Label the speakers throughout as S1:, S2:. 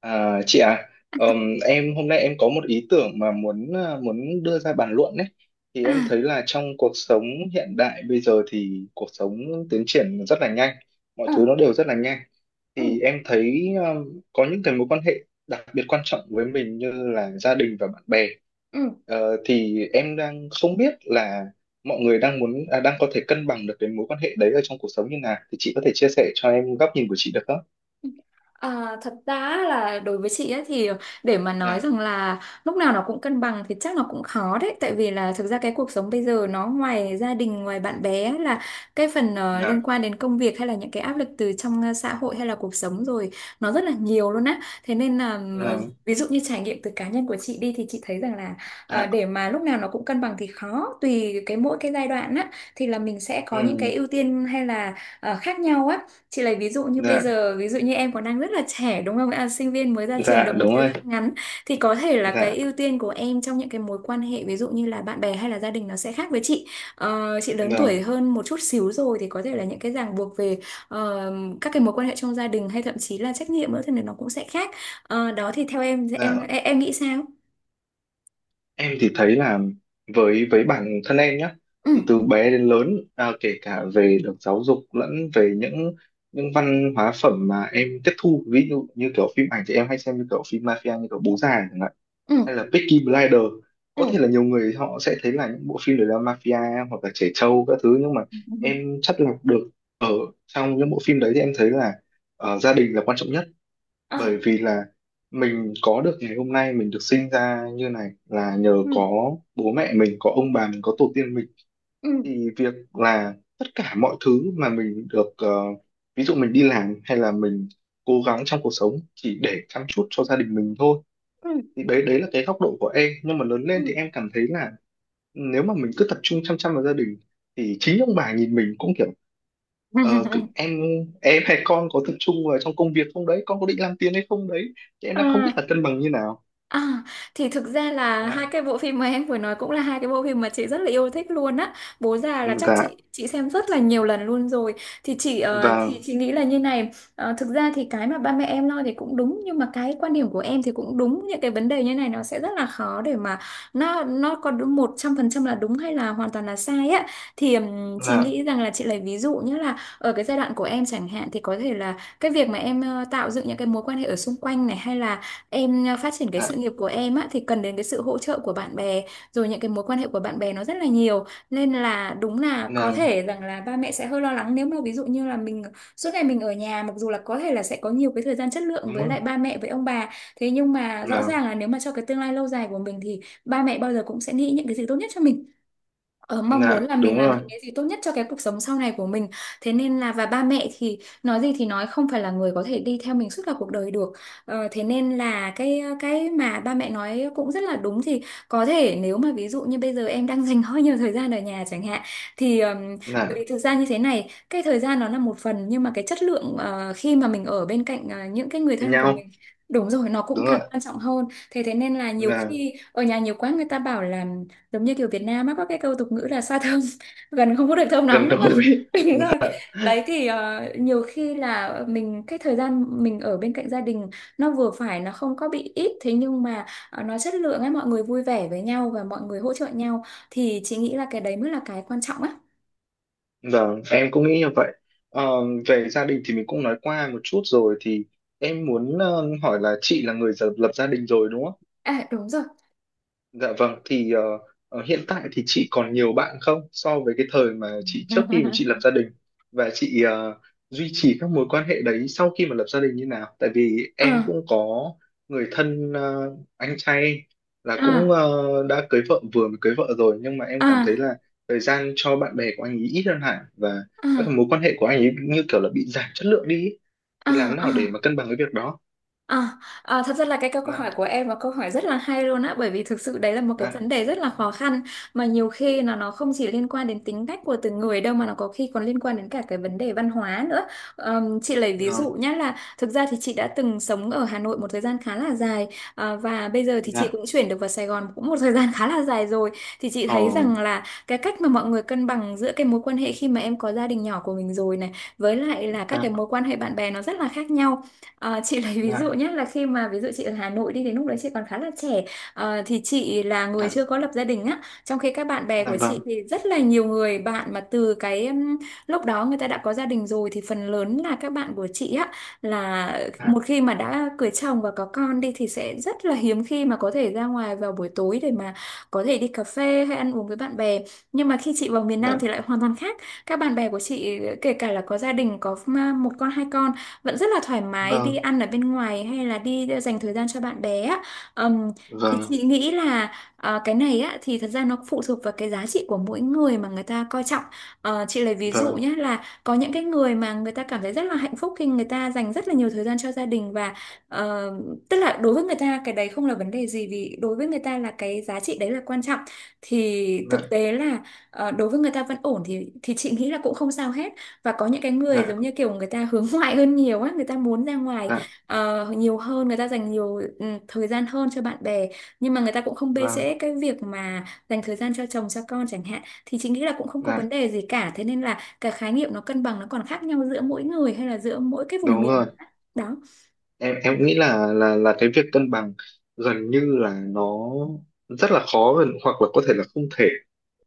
S1: À, chị à, ờm, em hôm nay em có một ý tưởng mà muốn đưa ra bàn luận đấy. Thì
S2: À,
S1: em thấy là trong cuộc sống hiện đại bây giờ thì cuộc sống tiến triển rất là nhanh, mọi
S2: ừ,
S1: thứ nó đều rất là nhanh.
S2: ừ,
S1: Thì em thấy có những cái mối quan hệ đặc biệt quan trọng với mình như là gia đình và bạn bè.
S2: ừ.
S1: Thì em đang không biết là mọi người đang đang có thể cân bằng được cái mối quan hệ đấy ở trong cuộc sống như nào. Thì chị có thể chia sẻ cho em góc nhìn của chị được không?
S2: À, thật ra là đối với chị ấy thì để mà nói
S1: Dạ,
S2: rằng là lúc nào nó cũng cân bằng thì chắc nó cũng khó đấy, tại vì là thực ra cái cuộc sống bây giờ nó ngoài gia đình ngoài bạn bè ấy là cái phần liên
S1: dạ,
S2: quan đến công việc hay là những cái áp lực từ trong xã hội hay là cuộc sống rồi nó rất là nhiều luôn á. Thế nên là ví dụ như trải nghiệm từ cá nhân của chị đi thì chị thấy rằng là
S1: dạ.
S2: để mà lúc nào nó cũng cân bằng thì khó, tùy cái mỗi cái giai đoạn á thì là mình sẽ có những
S1: Ừ,
S2: cái ưu tiên hay là khác nhau á. Chị lấy ví dụ như bây
S1: dạ,
S2: giờ, ví dụ như em còn đang rất là trẻ đúng không ạ? Sinh viên mới ra trường
S1: dạ,
S2: được một
S1: đúng
S2: thời
S1: rồi.
S2: gian ngắn thì có thể là
S1: Dạ,
S2: cái ưu tiên của em trong những cái mối quan hệ ví dụ như là bạn bè hay là gia đình nó sẽ khác với chị. Ờ, chị lớn tuổi
S1: vâng.
S2: hơn một chút xíu rồi thì có thể là những cái ràng buộc về ờ, các cái mối quan hệ trong gia đình hay thậm chí là trách nhiệm nữa thì nó cũng sẽ khác. Ờ, đó thì theo em em
S1: Dạ,
S2: em, em nghĩ sao?
S1: em thì thấy là với bản thân em nhé,
S2: Ừ,
S1: thì từ bé đến lớn kể cả về được giáo dục lẫn về những văn hóa phẩm mà em tiếp thu, ví dụ như kiểu phim ảnh thì em hay xem như kiểu phim mafia, như kiểu Bố Già chẳng hạn,
S2: ừ,
S1: hay là Peaky Blinders. Có thể là
S2: ừ.
S1: nhiều người họ sẽ thấy là những bộ phim đấy là mafia hoặc là trẻ trâu các thứ, nhưng mà
S2: ừ.
S1: em chắt lọc được ở trong những bộ phim đấy. Thì em thấy là gia đình là quan trọng nhất,
S2: Ờ,
S1: bởi vì là mình có được ngày hôm nay, mình được sinh ra như này là nhờ
S2: ừ,
S1: có bố mẹ mình, có ông bà mình, có tổ tiên mình.
S2: ừ,
S1: Thì việc là tất cả mọi thứ mà mình được, ví dụ mình đi làm hay là mình cố gắng trong cuộc sống chỉ để chăm chút cho gia đình mình thôi,
S2: ừ.
S1: thì đấy đấy là cái góc độ của em. Nhưng mà lớn
S2: ừ.
S1: lên thì em cảm thấy là nếu mà mình cứ tập trung chăm chăm vào gia đình thì chính ông bà nhìn mình cũng kiểu ờ, cứ- em em hay con có tập trung vào trong công việc không đấy, con có định làm tiền hay không đấy. Thì em đang không biết
S2: À.
S1: là cân bằng như nào.
S2: À, thì thực ra là hai
S1: Dạ.
S2: cái bộ phim mà em vừa nói cũng là hai cái bộ phim mà chị rất là yêu thích luôn á. Bố Già
S1: Ừ,
S2: là chắc
S1: dạ.
S2: chị xem rất là nhiều lần luôn rồi. Thì chị ờ, thì
S1: Và
S2: chị nghĩ là như này, thực ra thì cái mà ba mẹ em lo thì cũng đúng nhưng mà cái quan điểm của em thì cũng đúng. Những cái vấn đề như này nó sẽ rất là khó để mà nó có đúng 100% là đúng hay là hoàn toàn là sai á. Thì chị
S1: là
S2: nghĩ rằng là chị lấy ví dụ như là ở cái giai đoạn của em chẳng hạn thì có thể là cái việc mà em tạo dựng những cái mối quan hệ ở xung quanh này hay là em phát triển cái sự
S1: là
S2: nghiệp của em á thì cần đến cái sự hỗ trợ của bạn bè, rồi những cái mối quan hệ của bạn bè nó rất là nhiều, nên là đúng là có
S1: là
S2: thể rằng là ba mẹ sẽ hơi lo lắng nếu mà ví dụ như là mình suốt ngày mình ở nhà, mặc dù là có thể là sẽ có nhiều cái thời gian chất lượng
S1: đúng
S2: với
S1: rồi.
S2: lại ba mẹ với ông bà, thế nhưng mà rõ
S1: là
S2: ràng là nếu mà cho cái tương lai lâu dài của mình thì ba mẹ bao giờ cũng sẽ nghĩ những cái gì tốt nhất cho mình. Ờ, mong muốn
S1: là
S2: là
S1: đúng
S2: mình làm những
S1: rồi.
S2: cái gì tốt nhất cho cái cuộc sống sau này của mình, thế nên là và ba mẹ thì nói gì thì nói, không phải là người có thể đi theo mình suốt cả cuộc đời được. Thế nên là cái mà ba mẹ nói cũng rất là đúng. Thì có thể nếu mà ví dụ như bây giờ em đang dành hơi nhiều thời gian ở nhà chẳng hạn thì bởi vì
S1: Là
S2: thực ra như thế này, cái thời gian nó là một phần nhưng mà cái chất lượng khi mà mình ở bên cạnh những cái người
S1: với
S2: thân của
S1: nhau
S2: mình đúng rồi nó cũng
S1: đúng
S2: càng
S1: rồi.
S2: quan trọng hơn. Thế thế nên là nhiều
S1: Là
S2: khi ở nhà nhiều quá người ta bảo là giống như kiểu Việt Nam á có cái câu tục ngữ là xa thơm gần không có được thơm
S1: gần
S2: lắm, đúng không
S1: gũi.
S2: đúng rồi. Đấy thì nhiều khi là mình cái thời gian mình ở bên cạnh gia đình nó vừa phải, nó không có bị ít, thế nhưng mà nó chất lượng ấy, mọi người vui vẻ với nhau và mọi người hỗ trợ nhau thì chị nghĩ là cái đấy mới là cái quan trọng á.
S1: Vâng, em cũng nghĩ như vậy. Ờ, Về gia đình thì mình cũng nói qua một chút rồi, thì em muốn hỏi là chị là người lập lập gia đình rồi đúng không?
S2: À đúng rồi
S1: Dạ vâng, thì hiện tại thì chị còn nhiều bạn không, so với cái thời mà chị trước khi mà chị lập gia đình, và chị duy trì các mối quan hệ đấy sau khi mà lập gia đình như nào? Tại vì em
S2: à
S1: cũng có người thân, anh trai, là cũng
S2: à
S1: đã cưới vợ, vừa mới cưới vợ rồi, nhưng mà em cảm thấy
S2: à
S1: là thời gian cho bạn bè của anh ấy ít hơn hẳn, và các
S2: à
S1: mối quan hệ của anh ấy như kiểu là bị giảm chất lượng đi ý.
S2: à
S1: Thì làm
S2: à.
S1: nào để mà cân bằng cái việc đó?
S2: À, à, thật ra là cái câu câu
S1: Dạ,
S2: hỏi của em là câu hỏi rất là hay luôn á, bởi vì thực sự đấy là một cái
S1: dạ,
S2: vấn đề rất là khó khăn mà nhiều khi là nó không chỉ liên quan đến tính cách của từng người đâu mà nó có khi còn liên quan đến cả cái vấn đề văn hóa nữa. Chị lấy ví
S1: dạ,
S2: dụ nhé, là thực ra thì chị đã từng sống ở Hà Nội một thời gian khá là dài, và bây giờ thì chị
S1: dạ,
S2: cũng chuyển được vào Sài Gòn cũng một thời gian khá là dài rồi thì chị
S1: ờ,
S2: thấy rằng là cái cách mà mọi người cân bằng giữa cái mối quan hệ khi mà em có gia đình nhỏ của mình rồi này với lại là các cái mối quan hệ bạn bè nó rất là khác nhau. Ờ, chị lấy ví dụ
S1: dạ,
S2: nhé là khi mà ví dụ chị ở Hà Nội đi thì lúc đấy chị còn khá là trẻ. Ờ, thì chị là người
S1: dạ.
S2: chưa có lập gia đình á, trong khi các bạn bè
S1: Dạ,
S2: của
S1: vâng.
S2: chị thì rất là nhiều người bạn mà từ cái lúc đó người ta đã có gia đình rồi, thì phần lớn là các bạn của chị á là
S1: Dạ,
S2: một khi mà đã cưới chồng và có con đi thì sẽ rất là hiếm khi mà có thể ra ngoài vào buổi tối để mà có thể đi cà phê hay ăn uống với bạn bè. Nhưng mà khi chị vào miền Nam
S1: dạ,
S2: thì lại hoàn toàn khác, các bạn bè của chị kể cả là có gia đình có một con hai con vẫn rất là thoải mái đi
S1: vâng,
S2: ăn ở bên ngoài hay là đi dành thời gian cho bạn bè á. Ừm, thì
S1: vâng,
S2: chị nghĩ là cái này á thì thật ra nó phụ thuộc vào cái giá trị của mỗi người mà người ta coi trọng. Ờ, chị lấy ví dụ
S1: vâng.
S2: nhé là có những cái người mà người ta cảm thấy rất là hạnh phúc khi người ta dành rất là nhiều thời gian cho gia đình và ờ, tức là đối với người ta cái đấy không là vấn đề gì, vì đối với người ta là cái giá trị đấy là quan trọng, thì
S1: Dạ,
S2: thực tế là đối với người ta vẫn ổn, thì chị nghĩ là cũng không sao hết. Và có những cái người
S1: dạ,
S2: giống như kiểu người ta hướng ngoại hơn nhiều á, người ta muốn ra ngoài
S1: dạ,
S2: nhiều hơn, người ta dành nhiều thời gian hơn cho bạn bè nhưng mà người ta cũng không bê
S1: vâng.
S2: trễ cái việc mà dành thời gian cho chồng cho con chẳng hạn thì chị nghĩ là cũng không có vấn
S1: Dạ,
S2: đề gì cả. Thế nên là cái khái niệm nó cân bằng nó còn khác nhau giữa mỗi người hay là giữa mỗi cái vùng
S1: đúng rồi.
S2: miền. Đó.
S1: Em nghĩ là cái việc cân bằng gần như là nó rất là khó, hoặc là có thể là không thể.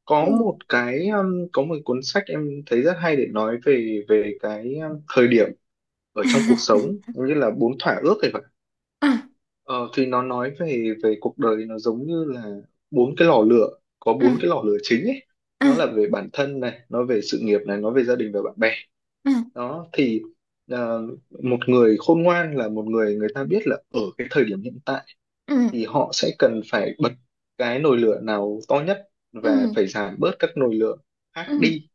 S1: Có
S2: Ừ.
S1: một cái có một cuốn sách em thấy rất hay, để nói về về cái thời điểm ở trong cuộc sống, như là bốn thỏa ước. thì
S2: à,
S1: Ờ, thì nó nói về về cuộc đời nó giống như là bốn cái lò lửa, có bốn
S2: à,
S1: cái lò lửa chính ấy.
S2: à,
S1: Nó là về bản thân này, nó về sự nghiệp này, nó về gia đình và bạn bè.
S2: à,
S1: Đó thì ờ, một người khôn ngoan là một người người ta biết là ở cái thời điểm hiện tại
S2: ừ,
S1: thì họ sẽ cần phải bật cái nồi lửa nào to nhất và
S2: ừ,
S1: phải giảm bớt các nồi lửa khác
S2: ừ,
S1: đi,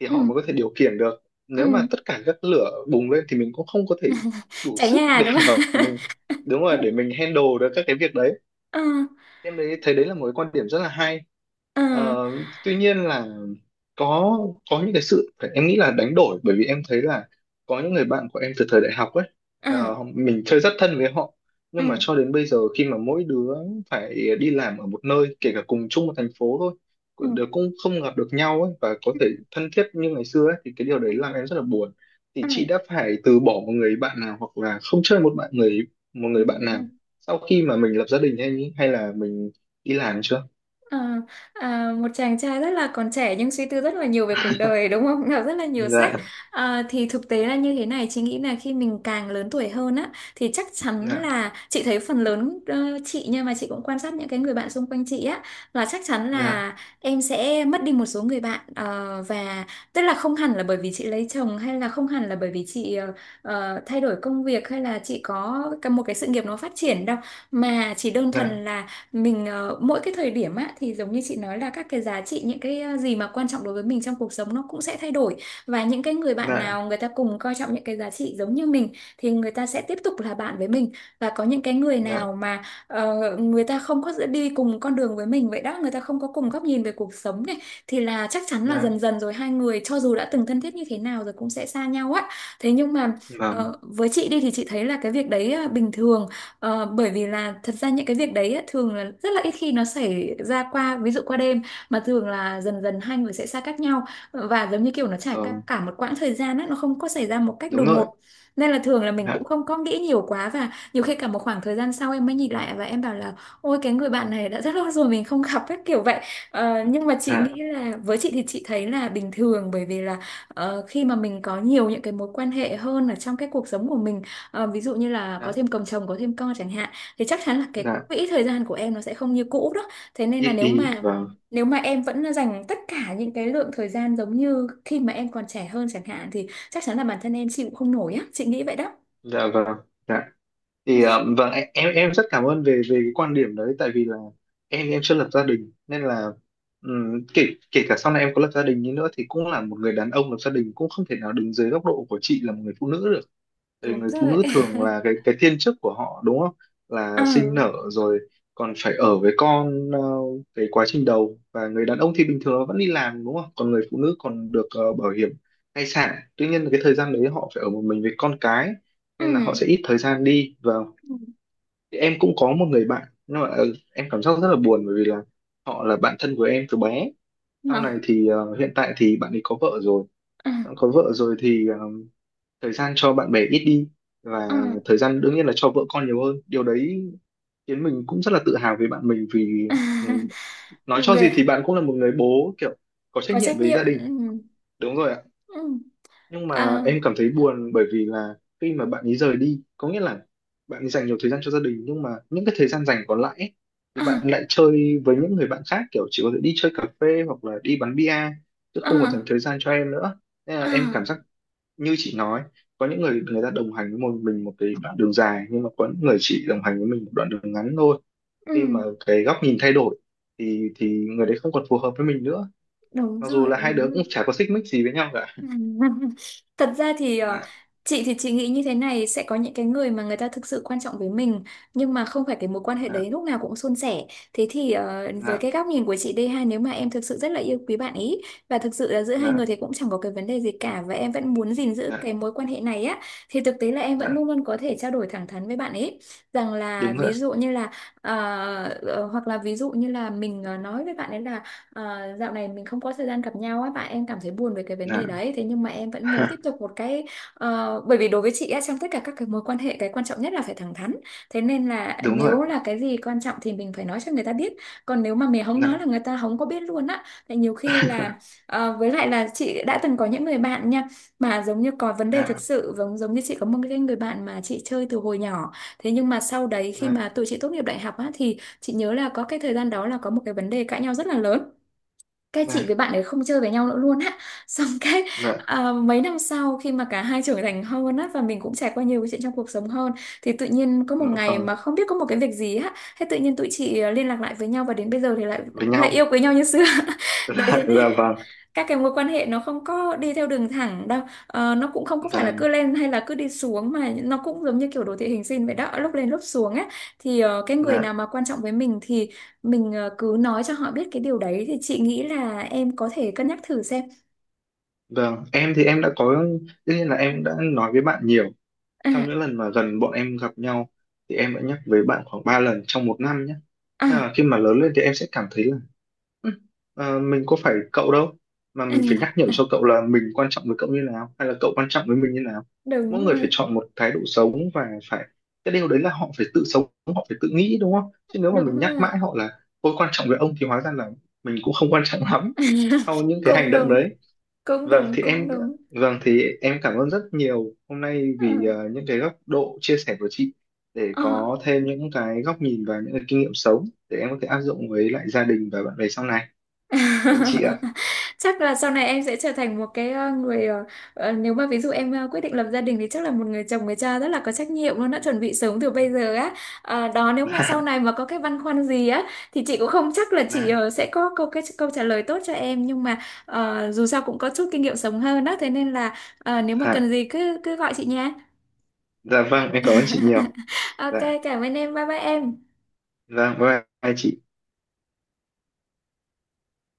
S1: thì họ
S2: ừ,
S1: mới có thể điều khiển được. Nếu
S2: ừ.
S1: mà tất cả các lửa bùng lên thì mình cũng không có thể đủ
S2: Cháy
S1: sức
S2: nhà
S1: để
S2: đúng
S1: mà
S2: không?
S1: mình đúng rồi, để mình handle được các cái việc đấy.
S2: ừ,
S1: Em thấy đấy là một cái quan điểm rất là hay.
S2: ừ,
S1: Ờ, Tuy nhiên là có có những cái sự em nghĩ là đánh đổi, bởi vì em thấy là có những người bạn của em từ thời đại học ấy,
S2: ừ,
S1: mình chơi rất thân với họ, nhưng mà
S2: ừ.
S1: cho đến bây giờ, khi mà mỗi đứa phải đi làm ở một nơi kể cả cùng chung một thành phố thôi,
S2: ừ,
S1: đều cũng không gặp được nhau ấy, và có
S2: ừ,
S1: thể thân thiết như ngày xưa ấy, thì cái điều
S2: ừ,
S1: đấy làm em rất là buồn. Thì
S2: ừ,
S1: chị đã phải từ bỏ một người bạn nào, hoặc là không chơi một bạn người một
S2: ừ,
S1: người bạn
S2: Ừ.
S1: nào sau khi mà mình lập gia đình, hay hay là mình đi làm chưa?
S2: À, à, một chàng trai rất là còn trẻ nhưng suy tư rất là nhiều về cuộc đời đúng không? Đọc rất là nhiều sách.
S1: Dạ,
S2: À, thì thực tế là như thế này, chị nghĩ là khi mình càng lớn tuổi hơn á thì chắc chắn
S1: dạ,
S2: là chị thấy phần lớn chị, nhưng mà chị cũng quan sát những cái người bạn xung quanh chị á, là chắc chắn
S1: dạ,
S2: là em sẽ mất đi một số người bạn. Ờ, và tức là không hẳn là bởi vì chị lấy chồng, hay là không hẳn là bởi vì chị thay đổi công việc, hay là chị có cả một cái sự nghiệp nó phát triển đâu, mà chỉ đơn
S1: dạ,
S2: thuần là mình mỗi cái thời điểm á thì giống như chị nói là các cái giá trị, những cái gì mà quan trọng đối với mình trong cuộc sống nó cũng sẽ thay đổi. Và những cái người bạn
S1: dạ,
S2: nào người ta cùng coi trọng những cái giá trị giống như mình thì người ta sẽ tiếp tục là bạn với mình, và có những cái người
S1: dạ.
S2: nào mà người ta không có đi cùng con đường với mình vậy đó, người ta không có cùng góc nhìn về cuộc sống này, thì là chắc chắn là
S1: Dạ,
S2: dần dần rồi hai người cho dù đã từng thân thiết như thế nào rồi cũng sẽ xa nhau á. Thế nhưng mà
S1: vâng,
S2: với chị đi thì chị thấy là cái việc đấy bình thường. Bởi vì là thật ra những cái việc đấy á, thường là rất là ít khi nó xảy ra qua, ví dụ qua đêm, mà thường là dần dần hai người sẽ xa cách nhau, và giống như kiểu nó trải cả,
S1: vâng,
S2: cả một quãng thời gian á, nó không có xảy ra một cách
S1: đúng
S2: đột
S1: rồi.
S2: ngột. Nên là thường là mình cũng
S1: Dạ,
S2: không có nghĩ nhiều quá, và nhiều khi cả một khoảng thời gian sau em mới nhìn lại và em bảo là ôi, cái người bạn này đã rất lâu rồi mình không gặp ấy, kiểu vậy. Nhưng mà chị
S1: dạ,
S2: nghĩ là với chị thì chị thấy là bình thường, bởi vì là khi mà mình có nhiều những cái mối quan hệ hơn ở trong cái cuộc sống của mình. Ví dụ như là có
S1: dạ,
S2: thêm chồng, có thêm con chẳng hạn, thì chắc chắn là cái
S1: dạ.
S2: quỹ thời gian của em nó sẽ không như cũ đó. Thế nên là
S1: Ít
S2: nếu
S1: đi,
S2: mà
S1: vâng.
S2: nếu mà em vẫn dành tất cả những cái lượng thời gian giống như khi mà em còn trẻ hơn chẳng hạn, thì chắc chắn là bản thân em chị cũng không nổi á, chị nghĩ vậy đó.
S1: Dạ, vâng. Dạ thì vâng, em rất cảm ơn về về cái quan điểm đấy. Tại vì là em chưa lập gia đình, nên là kể kể cả sau này em có lập gia đình đi nữa thì cũng là một người đàn ông lập gia đình, cũng không thể nào đứng dưới góc độ của chị là một người phụ nữ được. Vì
S2: Đúng
S1: người phụ
S2: rồi.
S1: nữ thường là cái cái thiên chức của họ, đúng không,
S2: Ờ.
S1: là sinh nở rồi còn phải ở với con, cái quá trình đầu. Và người đàn ông thì bình thường nó vẫn đi làm, đúng không, còn người phụ nữ còn được bảo hiểm thai sản, tuy nhiên là cái thời gian đấy họ phải ở một mình với con cái,
S2: Ừ.
S1: nên là họ sẽ ít thời gian đi. Và
S2: Ừ.
S1: thì em cũng có một người bạn, nhưng mà em cảm giác rất là buồn, bởi vì là họ là bạn thân của em từ bé.
S2: Ờ.
S1: Sau này thì hiện tại thì bạn ấy có vợ rồi.
S2: Ừ.
S1: Bạn có vợ rồi thì thời gian cho bạn bè ít đi,
S2: Ừ.
S1: và thời gian đương nhiên là cho vợ con nhiều hơn. Điều đấy khiến mình cũng rất là tự hào về bạn mình, vì ừ, nói cho
S2: Ghê.
S1: gì thì bạn cũng là một người bố kiểu có trách
S2: Có
S1: nhiệm
S2: trách
S1: với
S2: nhiệm.
S1: gia đình.
S2: Ừ.
S1: Đúng rồi ạ.
S2: Ừ.
S1: Nhưng mà
S2: À,
S1: em cảm thấy buồn, bởi vì là khi mà bạn ấy rời đi có nghĩa là bạn ấy dành nhiều thời gian cho gia đình, nhưng mà những cái thời gian dành còn lại ấy, thì bạn
S2: à,
S1: lại chơi với những người bạn khác, kiểu chỉ có thể đi chơi cà phê hoặc là đi bắn bia, chứ không còn dành
S2: à,
S1: thời gian cho em nữa. Nên là em
S2: à.
S1: cảm giác như chị nói, có những người người ta đồng hành với một mình một cái đoạn đường dài, nhưng mà có những người chỉ đồng hành với mình một đoạn đường ngắn thôi.
S2: Ừ.
S1: Khi mà cái góc nhìn thay đổi thì người đấy không còn phù hợp với mình nữa,
S2: Đúng
S1: mặc dù
S2: rồi,
S1: là hai đứa
S2: đúng
S1: cũng
S2: rồi.
S1: chả có xích mích gì với nhau cả.
S2: Thật ra thì
S1: Dạ,
S2: chị thì chị nghĩ như thế này, sẽ có những cái người mà người ta thực sự quan trọng với mình, nhưng mà không phải cái mối quan hệ
S1: dạ,
S2: đấy lúc nào cũng suôn sẻ. Thế thì với
S1: dạ,
S2: cái góc nhìn của chị đây ha, nếu mà em thực sự rất là yêu quý bạn ý và thực sự là giữa hai
S1: dạ.
S2: người thì cũng chẳng có cái vấn đề gì cả, và em vẫn muốn gìn giữ
S1: Dạ,
S2: cái mối quan hệ này á, thì thực tế là em vẫn
S1: dạ,
S2: luôn luôn có thể trao đổi thẳng thắn với bạn ấy, rằng là
S1: đúng rồi ạ.
S2: ví dụ như là ờ, hoặc là ví dụ như là mình nói với bạn ấy là dạo này mình không có thời gian gặp nhau á, bạn, em cảm thấy buồn về cái vấn
S1: Dạ.
S2: đề đấy, thế nhưng mà em vẫn muốn tiếp tục một cái. Bởi vì đối với chị á, trong tất cả các cái mối quan hệ, cái quan trọng nhất là phải thẳng thắn, thế nên là
S1: Đúng rồi ạ.
S2: nếu là cái gì quan trọng thì mình phải nói cho người ta biết, còn nếu mà mình không nói
S1: Dạ.
S2: là người ta không có biết luôn á, thì nhiều khi là với lại là chị đã từng có những người bạn nha, mà giống như có vấn đề thực
S1: Dạ,
S2: sự. Giống giống như chị có một cái người bạn mà chị chơi từ hồi nhỏ, thế nhưng mà sau đấy khi mà
S1: dạ,
S2: tụi chị tốt nghiệp đại học á, thì chị nhớ là có cái thời gian đó là có một cái vấn đề cãi nhau rất là lớn, cái chị
S1: dạ,
S2: với bạn ấy không chơi với nhau nữa luôn á. Xong cái
S1: dạ,
S2: mấy năm sau khi mà cả hai trưởng thành hơn á và mình cũng trải qua nhiều cái chuyện trong cuộc sống hơn, thì tự nhiên có
S1: dạ,
S2: một ngày
S1: vâng,
S2: mà không biết có một cái việc gì á, thế tự nhiên tụi chị liên lạc lại với nhau, và đến bây giờ thì lại
S1: với
S2: lại
S1: nhau.
S2: yêu quý nhau như xưa. Đấy, thế
S1: Dạ,
S2: nên
S1: vâng.
S2: các cái mối quan hệ nó không có đi theo đường thẳng đâu. Ờ, nó cũng không có phải
S1: Dạ,
S2: là cứ lên hay là cứ đi xuống, mà nó cũng giống như kiểu đồ thị hình sin vậy đó, lúc lên lúc xuống á. Thì cái người
S1: dạ,
S2: nào mà quan trọng với mình thì mình cứ nói cho họ biết cái điều đấy, thì chị nghĩ là em có thể cân nhắc thử xem.
S1: vâng. Em thì em đã có, tất nhiên là em đã nói với bạn nhiều
S2: À,
S1: trong
S2: à,
S1: những lần mà gần bọn em gặp nhau. Thì em đã nhắc với bạn khoảng 3 lần trong một năm nhé. Nhưng mà
S2: à,
S1: khi mà lớn lên thì em sẽ cảm thấy là: "Ừ, mình có phải cậu đâu mà mình phải nhắc nhở
S2: à,
S1: cho cậu là mình quan trọng với cậu như nào hay là cậu quan trọng với mình như nào.
S2: đúng
S1: Mỗi người phải
S2: rồi,
S1: chọn một thái độ sống, và cái điều đấy là họ phải tự sống, họ phải tự nghĩ, đúng không? Chứ nếu mà
S2: đúng
S1: mình nhắc
S2: rồi.
S1: mãi họ là tôi quan trọng với ông thì hóa ra là mình cũng không quan trọng lắm sau những cái
S2: Cũng
S1: hành động
S2: đúng,
S1: đấy."
S2: cũng
S1: Vâng
S2: đúng,
S1: thì
S2: cũng
S1: em
S2: đúng.
S1: vâng thì em cảm ơn rất nhiều hôm nay
S2: Ờ,
S1: vì những cái góc độ chia sẻ của chị, để
S2: ờ.
S1: có thêm những cái góc nhìn và những cái kinh nghiệm sống để em có thể áp dụng với lại gia đình và bạn bè sau này. Cảm ơn chị ạ.
S2: Chắc là sau này em sẽ trở thành một cái người, nếu mà ví dụ em quyết định lập gia đình thì chắc là một người chồng, người cha rất là có trách nhiệm luôn, đã chuẩn bị sớm từ bây giờ á. Đó, nếu mà sau này mà có cái băn khoăn gì á thì chị cũng không chắc là chị
S1: Dạ,
S2: sẽ có câu trả lời tốt cho em, nhưng mà dù sao cũng có chút kinh nghiệm sống hơn đó, thế nên là
S1: dạ,
S2: nếu mà
S1: dạ,
S2: cần gì cứ cứ gọi chị nha.
S1: dạ vâng, em cảm ơn chị nhiều.
S2: OK,
S1: Dạ,
S2: cảm ơn em, bye bye em.
S1: vâng, bye bye chị.